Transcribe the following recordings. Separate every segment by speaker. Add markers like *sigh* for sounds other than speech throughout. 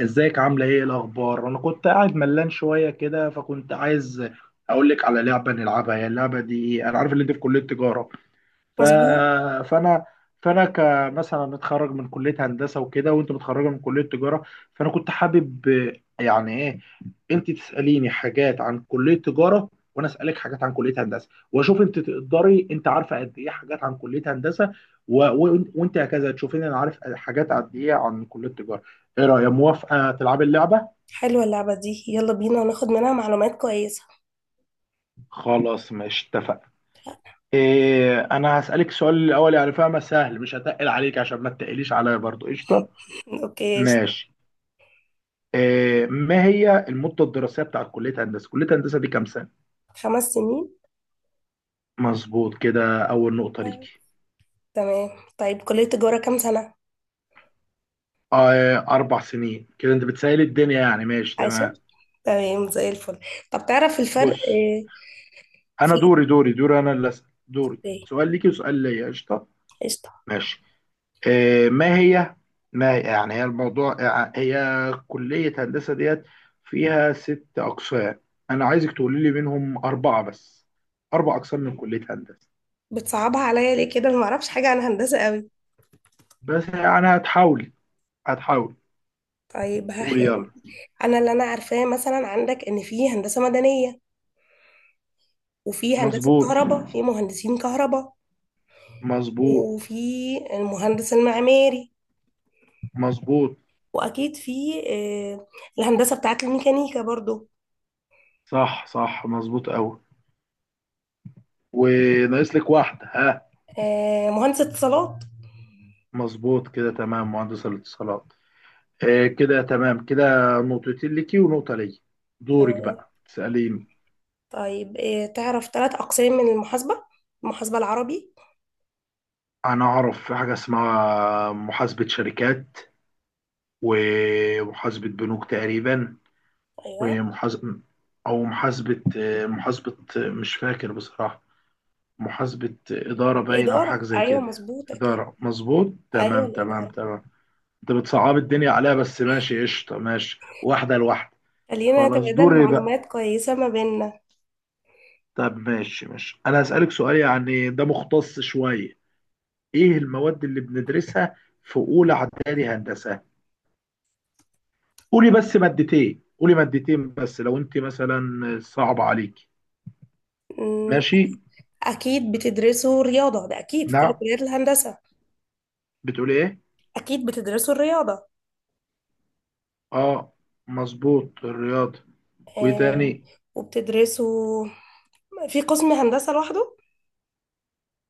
Speaker 1: ازيك؟ عامله ايه؟ إيه الاخبار؟ انا كنت قاعد ملان شويه كده، فكنت عايز اقول لك على لعبه نلعبها. هي اللعبه دي إيه؟ انا عارف ان انت في كليه تجاره، ف...
Speaker 2: مظبوط.
Speaker 1: فانا فانا كمثلا متخرج من كليه هندسه وكده، وانت متخرجه من كليه تجاره، فانا كنت حابب يعني ايه انت تساليني حاجات عن كليه تجاره وانا اسالك حاجات عن كليه هندسه، واشوف انت تقدري، انت عارفه قد ايه حاجات عن كليه هندسه، وانت هكذا تشوفيني انا عارف حاجات قد ايه عن كليه تجاره. ايه رايك، موافقه تلعبي اللعبه؟
Speaker 2: حلوة اللعبة دي، يلا بينا ناخد منها معلومات كويسة.
Speaker 1: خلاص ماشي، اتفقنا. انا هسالك السؤال الاول، يعني فاهمه، سهل مش هتقل عليك عشان ما تقليش عليا برضو، قشطه.
Speaker 2: *laughs* اوكي قشطة.
Speaker 1: ماشي. ما هي المدة الدراسية بتاعت كلية هندسة؟ كلية هندسة دي كام سنة؟
Speaker 2: 5 سنين.
Speaker 1: مظبوط، كده أول نقطة
Speaker 2: آه،
Speaker 1: ليكي.
Speaker 2: تمام. طيب، كلية تجارة كام سنة؟
Speaker 1: أربع سنين، كده أنت بتسهلي الدنيا يعني، ماشي
Speaker 2: 10.
Speaker 1: تمام.
Speaker 2: تمام زي الفل. طب تعرف الفرق
Speaker 1: بص،
Speaker 2: في.
Speaker 1: أنا دوري، أنا اللي أسأل، دوري
Speaker 2: اوكي،
Speaker 1: سؤال ليكي وسؤال ليا، قشطة.
Speaker 2: قشطة.
Speaker 1: ماشي. آه، ما هي ما يعني هي الموضوع، يعني هي كلية هندسة ديت فيها ست أقسام، أنا عايزك تقولي لي منهم أربعة بس، أربع أقسام من كلية هندسة.
Speaker 2: بتصعبها عليا ليه كده؟ ما اعرفش حاجة عن هندسة قوي.
Speaker 1: بس يعني هتحاول، هتحاول،
Speaker 2: طيب
Speaker 1: قول
Speaker 2: هحاول.
Speaker 1: يلا.
Speaker 2: انا اللي انا عارفاه مثلا عندك ان في هندسة مدنية، وفي هندسة
Speaker 1: مظبوط،
Speaker 2: كهرباء، في مهندسين كهرباء،
Speaker 1: مظبوط،
Speaker 2: وفي المهندس المعماري،
Speaker 1: مظبوط.
Speaker 2: واكيد في آه، الهندسه بتاعت الميكانيكا برضو.
Speaker 1: صح صح، مظبوط قوي. وناقص لك واحدة، ها؟
Speaker 2: مهندس اتصالات.
Speaker 1: مظبوط كده، تمام، مهندس الاتصالات. آه كده، تمام كده. نقطتين ليكي ونقطة لي. دورك
Speaker 2: آه،
Speaker 1: بقى تسأليني.
Speaker 2: طيب تعرف 3 اقسام من المحاسبه؟ المحاسبه العربي.
Speaker 1: أنا أعرف في حاجة اسمها محاسبة شركات، ومحاسبة بنوك تقريبا،
Speaker 2: ايوه،
Speaker 1: ومحاسبة، أو محاسبة مش فاكر بصراحة، محاسبة إدارة باين، أو حاجة
Speaker 2: الاداره،
Speaker 1: زي
Speaker 2: ايوه
Speaker 1: كده.
Speaker 2: مظبوط اكيد.
Speaker 1: إدارة، مظبوط،
Speaker 2: ايوه
Speaker 1: تمام تمام
Speaker 2: الاداره.
Speaker 1: تمام. أنت بتصعب الدنيا عليها، بس ماشي قشطة، ماشي، واحدة لواحدة.
Speaker 2: خلينا
Speaker 1: خلاص
Speaker 2: نتبادل
Speaker 1: دوري بقى.
Speaker 2: معلومات كويسه ما بيننا.
Speaker 1: طب ماشي ماشي، أنا هسألك سؤال يعني ده مختص شوية. إيه المواد اللي بندرسها في أولى إعدادي هندسة؟ قولي بس مادتين، قولي مادتين بس، لو أنت مثلا صعب عليك.
Speaker 2: أمم،
Speaker 1: ماشي؟
Speaker 2: اكيد بتدرسوا رياضه، ده اكيد في كل
Speaker 1: نعم،
Speaker 2: كليات الهندسه.
Speaker 1: بتقولي إيه؟
Speaker 2: اكيد بتدرسوا الرياضه.
Speaker 1: آه، مظبوط، الرياضة. وإيه
Speaker 2: آه.
Speaker 1: تاني؟
Speaker 2: وبتدرسوا في قسم هندسه لوحده.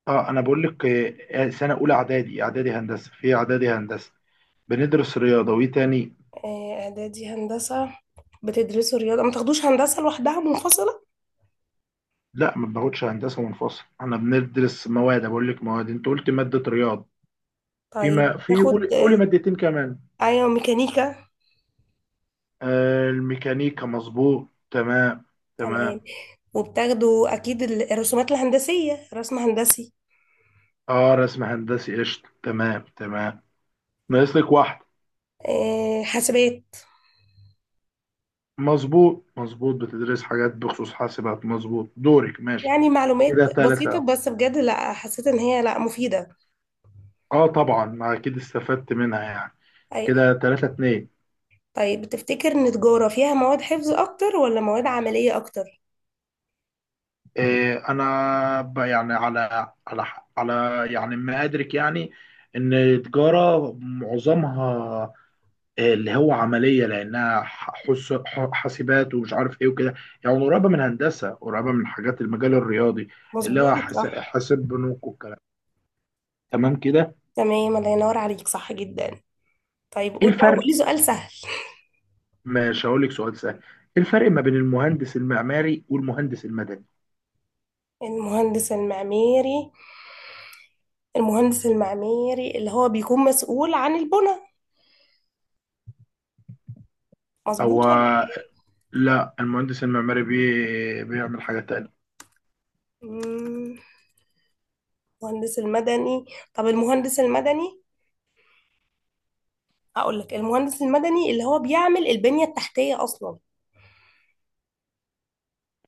Speaker 1: اه انا بقول لك، سنه اولى اعدادي، اعدادي هندسه، في اعدادي هندسه بندرس رياضه، وايه تاني؟
Speaker 2: آه، اعدادي هندسه، بتدرسوا رياضة، ما تاخدوش هندسة لوحدها منفصلة.
Speaker 1: لا ما باخدش هندسه منفصل، انا بندرس مواد، بقول لك مواد، انت قلت ماده رياضه، في
Speaker 2: طيب
Speaker 1: ما في قولي،
Speaker 2: تاخد
Speaker 1: قولي مادتين كمان.
Speaker 2: ايوه ميكانيكا.
Speaker 1: آه الميكانيكا، مظبوط تمام.
Speaker 2: تمام.
Speaker 1: تمام.
Speaker 2: وبتاخدوا اكيد الرسومات الهندسية، رسم هندسي.
Speaker 1: اه، رسم هندسي، قشطه، تمام تمام. ناقص لك واحده.
Speaker 2: حاسبات.
Speaker 1: مظبوط مظبوط، بتدرس حاجات بخصوص حاسبات، مظبوط. دورك. ماشي.
Speaker 2: يعني معلومات
Speaker 1: كده
Speaker 2: بسيطة
Speaker 1: ثلاثه.
Speaker 2: بس بجد، لا حسيت ان هي لا مفيدة.
Speaker 1: اه طبعا، ما اكيد استفدت منها يعني.
Speaker 2: أي.
Speaker 1: كده ثلاثه اتنين.
Speaker 2: طيب تفتكر ان تجارة فيها مواد حفظ اكتر ولا مواد عملية اكتر؟
Speaker 1: انا يعني على على يعني ما ادرك يعني، ان التجاره معظمها اللي هو عمليه، لانها حاسبات ومش عارف ايه وكده، يعني قريبه من هندسه، قريبه من حاجات المجال الرياضي، اللي هو
Speaker 2: مظبوط صح.
Speaker 1: حاسب بنوك والكلام. تمام كده.
Speaker 2: تمام، الله ينور عليك، صح جدا. طيب
Speaker 1: ايه
Speaker 2: قول بقى،
Speaker 1: الفرق؟
Speaker 2: قولي سؤال سهل.
Speaker 1: مش هقول لك سؤال سهل. ايه الفرق ما بين المهندس المعماري والمهندس المدني؟
Speaker 2: المهندس المعماري، المهندس المعماري اللي هو بيكون مسؤول عن البنى،
Speaker 1: هو،
Speaker 2: مظبوط ولا ايه؟
Speaker 1: لا، المهندس المعماري بيعمل حاجه تانية.
Speaker 2: مم، المهندس المدني، طب المهندس المدني، هقول لك المهندس المدني اللي هو بيعمل البنية التحتية اصلا،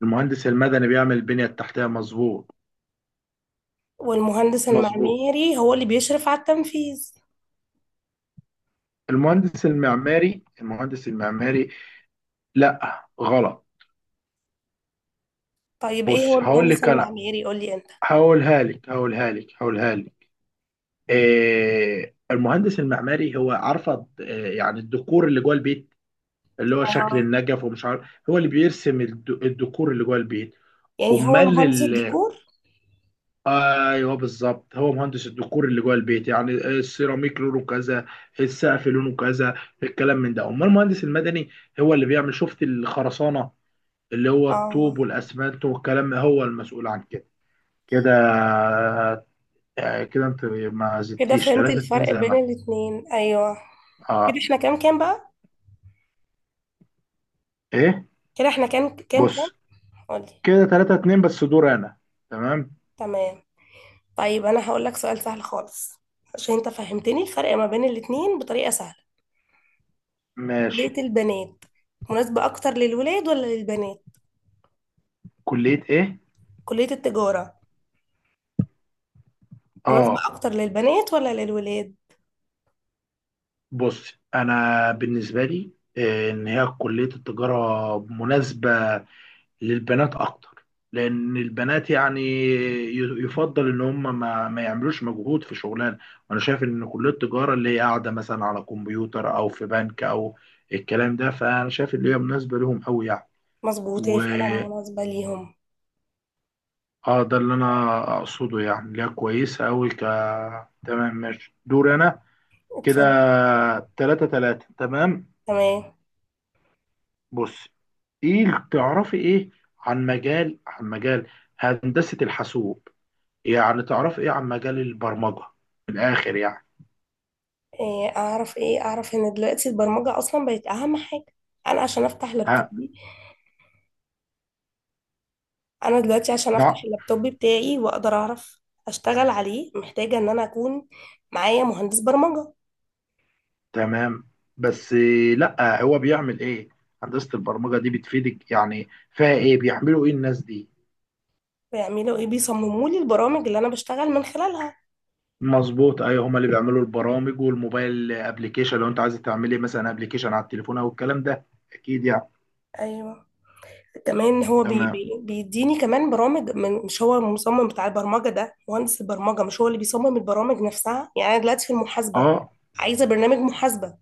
Speaker 1: المهندس المدني بيعمل البنية التحتية، مظبوط
Speaker 2: والمهندس
Speaker 1: مظبوط.
Speaker 2: المعماري هو اللي بيشرف على التنفيذ.
Speaker 1: المهندس المعماري، المهندس المعماري، لا غلط.
Speaker 2: طيب ايه هو
Speaker 1: بص هقول
Speaker 2: المهندس
Speaker 1: لك انا،
Speaker 2: المعماري، قول لي انت.
Speaker 1: هقولها لك. المهندس المعماري هو، عارفه إيه يعني الديكور اللي جوه البيت، اللي هو شكل
Speaker 2: اه.
Speaker 1: النجف ومش عارف، هو اللي بيرسم الديكور اللي جوه البيت.
Speaker 2: يعني هو
Speaker 1: امال.
Speaker 2: المهندس الديكور.
Speaker 1: ايوه بالظبط، هو مهندس الديكور اللي جوه البيت، يعني السيراميك لونه كذا، السقف لونه كذا، الكلام من ده. امال المهندس المدني هو اللي بيعمل، شفت الخرسانه، اللي هو
Speaker 2: اه.
Speaker 1: الطوب والاسمنت والكلام، هو المسؤول عن كده. كده. كده انت ما
Speaker 2: كده
Speaker 1: زدتيش،
Speaker 2: فهمت
Speaker 1: 3 2
Speaker 2: الفرق
Speaker 1: زي
Speaker 2: بين
Speaker 1: ما،
Speaker 2: الاتنين، ايوه. كده
Speaker 1: اه.
Speaker 2: احنا كام كام بقى؟
Speaker 1: ايه؟
Speaker 2: كده احنا كام كام كام؟
Speaker 1: بص
Speaker 2: قولي.
Speaker 1: كده 3 2، بس دور انا. تمام،
Speaker 2: تمام. طيب انا هقول لك سؤال سهل خالص عشان انت فهمتني الفرق ما بين الاتنين بطريقة سهلة.
Speaker 1: ماشي.
Speaker 2: كلية البنات مناسبة اكتر للولاد ولا للبنات؟
Speaker 1: كلية ايه؟
Speaker 2: كلية التجارة مناسبة
Speaker 1: اه.
Speaker 2: اكتر للبنات ولا للولاد؟
Speaker 1: بص انا بالنسبه لي، ان هي كليه التجاره مناسبه للبنات اكتر، لان البنات يعني يفضل ان هم ما يعملوش مجهود في شغلانه، وانا شايف ان كليه التجاره اللي هي قاعده مثلا على كمبيوتر او في بنك او الكلام ده، فانا شايف ان هي مناسبه لهم قوي يعني.
Speaker 2: مظبوط، هي
Speaker 1: و
Speaker 2: فعلا مناسبة ليهم.
Speaker 1: اه ده اللي انا اقصده، يعني اللي هي كويسه قوي، ك. تمام ماشي، دور انا. كده
Speaker 2: اتفضل.
Speaker 1: تلاتة تلاتة، تمام.
Speaker 2: تمام.
Speaker 1: بص، ايه اللي تعرفي، ايه عن مجال هندسة الحاسوب؟ يعني تعرفي ايه عن مجال البرمجة، من الاخر يعني؟
Speaker 2: إيه اعرف ايه؟ اعرف ان دلوقتي البرمجة اصلا بقت اهم حاجة. انا عشان افتح
Speaker 1: ها؟
Speaker 2: لابتوبي، انا دلوقتي عشان افتح
Speaker 1: لا.
Speaker 2: اللابتوب بتاعي واقدر اعرف اشتغل عليه، محتاجة ان انا اكون معايا مهندس برمجة.
Speaker 1: تمام. بس لا هو بيعمل ايه؟ هندسة البرمجة دي بتفيدك، يعني فيها ايه، بيعملوا ايه الناس دي؟
Speaker 2: بيعملوا ايه؟ بيصمموا لي البرامج اللي انا بشتغل من خلالها.
Speaker 1: مظبوط، ايوه، هما اللي بيعملوا البرامج والموبايل ابلكيشن، لو انت عايزه تعملي مثلا ابلكيشن على التليفون او الكلام ده، اكيد يعني.
Speaker 2: ايوه. كمان هو بي
Speaker 1: تمام.
Speaker 2: بي بيديني كمان برامج مش هو المصمم بتاع البرمجه، ده مهندس البرمجه مش هو اللي بيصمم البرامج نفسها. يعني انا دلوقتي في المحاسبه
Speaker 1: اه،
Speaker 2: عايزه برنامج محاسبه،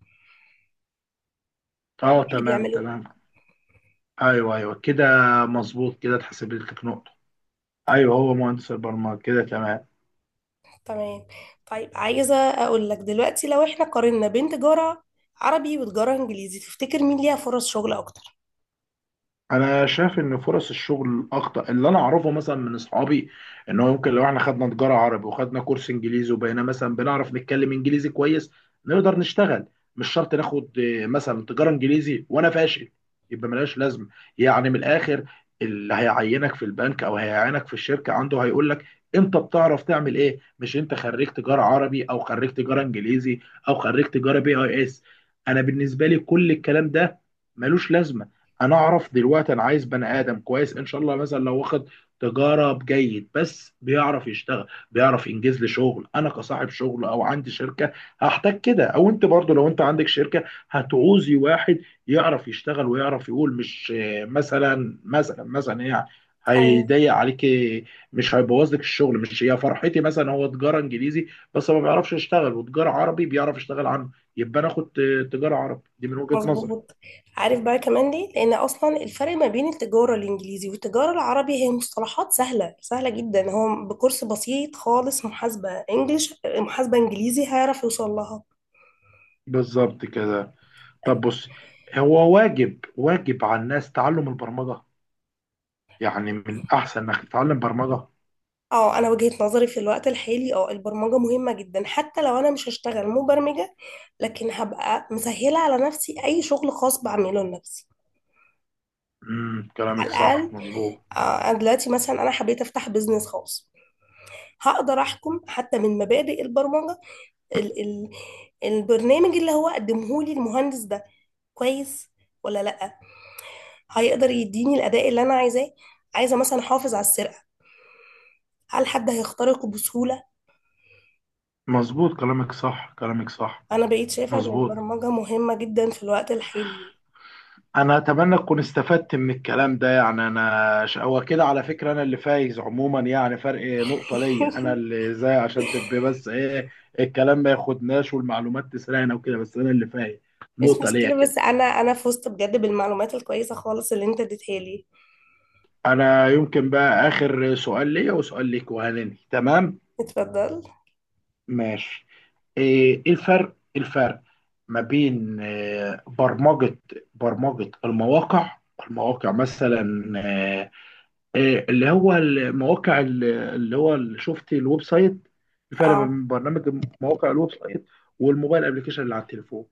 Speaker 1: اه،
Speaker 2: مين اللي
Speaker 1: تمام
Speaker 2: بيعمله؟
Speaker 1: تمام. ايوه ايوه كده، مظبوط كده، اتحسبت لك نقطة. ايوه هو مهندس البرمجة، كده تمام.
Speaker 2: تمام. طيب عايزه اقول لك دلوقتي، لو احنا قارنا بين تجاره عربي وتجاره انجليزي، تفتكر مين ليها فرص شغل اكتر؟
Speaker 1: انا شايف ان فرص الشغل الاخطر اللي انا اعرفه مثلا من اصحابي، ان هو يمكن لو احنا خدنا تجاره عربي وخدنا كورس انجليزي وبقينا مثلا بنعرف نتكلم انجليزي كويس، نقدر نشتغل. مش شرط ناخد مثلا تجاره انجليزي وانا فاشل، يبقى ملهاش لازمه. يعني من الاخر، اللي هيعينك في البنك او هيعينك في الشركه عنده، هيقول لك انت بتعرف تعمل ايه، مش انت خريج تجاره عربي او خريج تجاره انجليزي او خريج تجاره بي اي اس. انا بالنسبه لي كل الكلام ده ملوش لازمه. انا اعرف دلوقتي انا عايز بني ادم كويس ان شاء الله، مثلا لو واخد تجاره جيد بس بيعرف يشتغل، بيعرف ينجز لي شغل، انا كصاحب شغل او عندي شركه هحتاج كده. او انت برضو لو انت عندك شركه، هتعوزي واحد يعرف يشتغل ويعرف يقول، مش مثلا يعني
Speaker 2: ايوه.
Speaker 1: هيضيق عليكي، مش هيبوظ لك الشغل، مش هي فرحتي مثلا هو تجاره انجليزي بس ما بيعرفش يشتغل، وتجاره عربي بيعرف يشتغل عنه، يبقى انا اخد تجاره عربي دي من وجهه نظري.
Speaker 2: مظبوط. عارف بقى كمان ليه؟ لان اصلا الفرق ما بين التجاره الانجليزي والتجاره العربي هي مصطلحات سهله سهله جدا، هو بكورس بسيط خالص محاسبه انجليش، محاسبه انجليزي هيعرف يوصل لها.
Speaker 1: بالظبط كده. طب بص، هو واجب، واجب على الناس تعلم البرمجة، يعني من أحسن إنك تتعلم برمجة.
Speaker 2: اه انا وجهة نظري في الوقت الحالي، اه البرمجة مهمة جدا، حتى لو انا مش هشتغل مبرمجة لكن هبقى مسهلة على نفسي اي شغل خاص بعمله لنفسي.
Speaker 1: امم،
Speaker 2: على
Speaker 1: كلامك صح،
Speaker 2: الاقل.
Speaker 1: مظبوط
Speaker 2: آه انا دلوقتي مثلا انا حبيت افتح بيزنس خاص، هقدر احكم حتى من مبادئ البرمجة ال ال البرنامج اللي هو قدمه لي المهندس ده كويس ولا لا، هيقدر يديني الاداء اللي انا عايزاه، عايزه مثلا احافظ على السرقه، هل حد هيخترقه بسهوله.
Speaker 1: مظبوط، كلامك صح، كلامك صح،
Speaker 2: انا بقيت شايفه ان
Speaker 1: مظبوط.
Speaker 2: البرمجه مهمه جدا في الوقت الحالي.
Speaker 1: أنا أتمنى أكون استفدت من الكلام ده يعني. أنا هو كده على فكرة أنا اللي فايز عموما، يعني فرق نقطة ليا، أنا اللي زي، عشان تبقى بس الكلام ما ياخدناش والمعلومات تسرقنا وكده، بس أنا اللي فايز
Speaker 2: مش
Speaker 1: نقطة ليا
Speaker 2: مشكله،
Speaker 1: كده.
Speaker 2: بس انا فزت بجد بالمعلومات الكويسه خالص اللي انت اديتها لي.
Speaker 1: أنا يمكن بقى آخر سؤال ليا وسؤال ليك وهننهي، تمام.
Speaker 2: اتفضل.
Speaker 1: ماشي. إيه الفرق، الفرق ما بين برمجة المواقع، المواقع مثلا اللي هو المواقع اللي هو اللي، شفت الويب سايت، الفرق ما
Speaker 2: اه.
Speaker 1: بين برنامج مواقع الويب سايت والموبايل ابلكيشن اللي على التليفون؟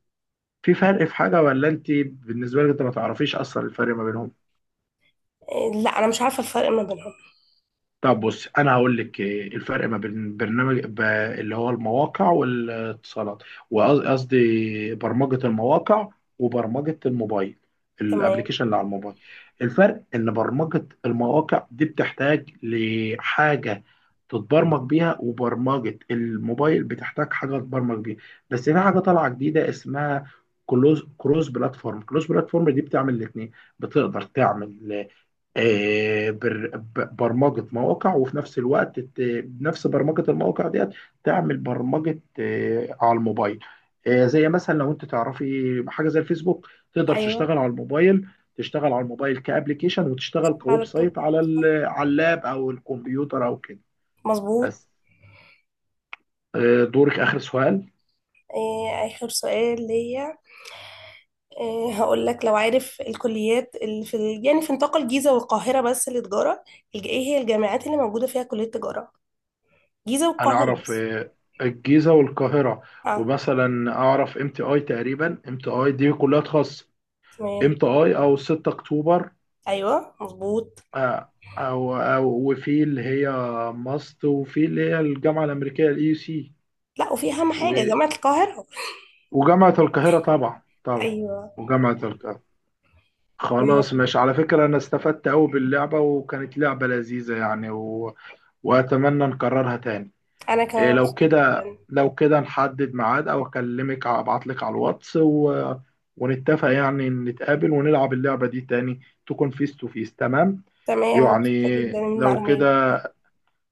Speaker 1: في فرق في حاجة، ولا انت بالنسبة لك انت ما تعرفيش اصلا الفرق ما بينهم؟
Speaker 2: إيه، لا انا مش عارفه الفرق ما بينهم.
Speaker 1: طب بص انا هقول لك إيه الفرق ما بين برنامج اللي هو المواقع والاتصالات، وقصدي برمجة المواقع وبرمجة الموبايل،
Speaker 2: تمام.
Speaker 1: الابليكيشن اللي على الموبايل. الفرق ان برمجة المواقع دي بتحتاج لحاجة تتبرمج بيها، وبرمجة الموبايل بتحتاج حاجة تتبرمج بيها، بس في حاجة طالعة جديدة اسمها كلوز، كروس بلاتفورم دي بتعمل الاثنين، بتقدر تعمل برمجة مواقع، وفي نفس الوقت بنفس برمجة المواقع ديت تعمل برمجة على الموبايل. زي مثلا لو انت تعرفي حاجة زي الفيسبوك، تقدر
Speaker 2: ايوه،
Speaker 1: تشتغل على الموبايل، تشتغل على الموبايل كأبليكيشن، وتشتغل
Speaker 2: على
Speaker 1: كويب سايت على
Speaker 2: التطبيق.
Speaker 1: على اللاب او الكمبيوتر او كده.
Speaker 2: مظبوط.
Speaker 1: بس دورك، آخر سؤال.
Speaker 2: إيه، اخر سؤال ليا. هقول لك لو عارف الكليات اللي في يعني في نطاق الجيزة والقاهرة بس للتجارة، ايه هي الجامعات اللي موجودة فيها كلية تجارة، جيزة
Speaker 1: انا
Speaker 2: والقاهرة
Speaker 1: اعرف
Speaker 2: بس.
Speaker 1: الجيزة والقاهرة،
Speaker 2: اه.
Speaker 1: ومثلا اعرف ام تي اي تقريبا، ام تي اي دي كلها خاصة. ام
Speaker 2: تمام.
Speaker 1: تي اي، او 6 اكتوبر.
Speaker 2: ايوه مظبوط.
Speaker 1: آه، أو وفي اللي هي ماست، وفي اللي هي الجامعة الأمريكية، ال يو سي.
Speaker 2: لا، وفي اهم
Speaker 1: و...
Speaker 2: حاجة جامعة القاهرة.
Speaker 1: وجامعة القاهرة طبعا طبعا،
Speaker 2: ايوه
Speaker 1: وجامعة القاهرة. خلاص
Speaker 2: تمام.
Speaker 1: ماشي، على فكرة أنا استفدت أوي باللعبة، وكانت لعبة لذيذة يعني، وأتمنى نكررها تاني.
Speaker 2: انا
Speaker 1: إيه
Speaker 2: كمان
Speaker 1: لو
Speaker 2: مبسوطة
Speaker 1: كده،
Speaker 2: جدا.
Speaker 1: لو كده نحدد ميعاد أو أكلمك أبعت لك على الواتس، ونتفق، يعني نتقابل ونلعب اللعبة دي تاني، تكون فيس تو فيس، تمام.
Speaker 2: تمام، مبسوطة
Speaker 1: يعني
Speaker 2: جدا من
Speaker 1: لو
Speaker 2: المعلومات.
Speaker 1: كده،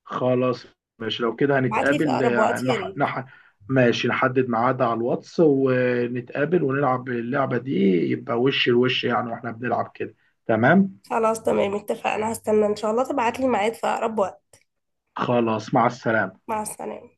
Speaker 1: خلاص ماشي، لو كده
Speaker 2: ابعت لي في
Speaker 1: هنتقابل،
Speaker 2: اقرب وقت يا ريت.
Speaker 1: ماشي، نحدد ميعاد على الواتس ونتقابل ونلعب اللعبة دي، يبقى وش لوش يعني واحنا بنلعب كده، تمام.
Speaker 2: خلاص تمام اتفقنا، هستنى ان شاء الله تبعت لي ميعاد في اقرب وقت.
Speaker 1: خلاص، مع السلامة.
Speaker 2: مع السلامة.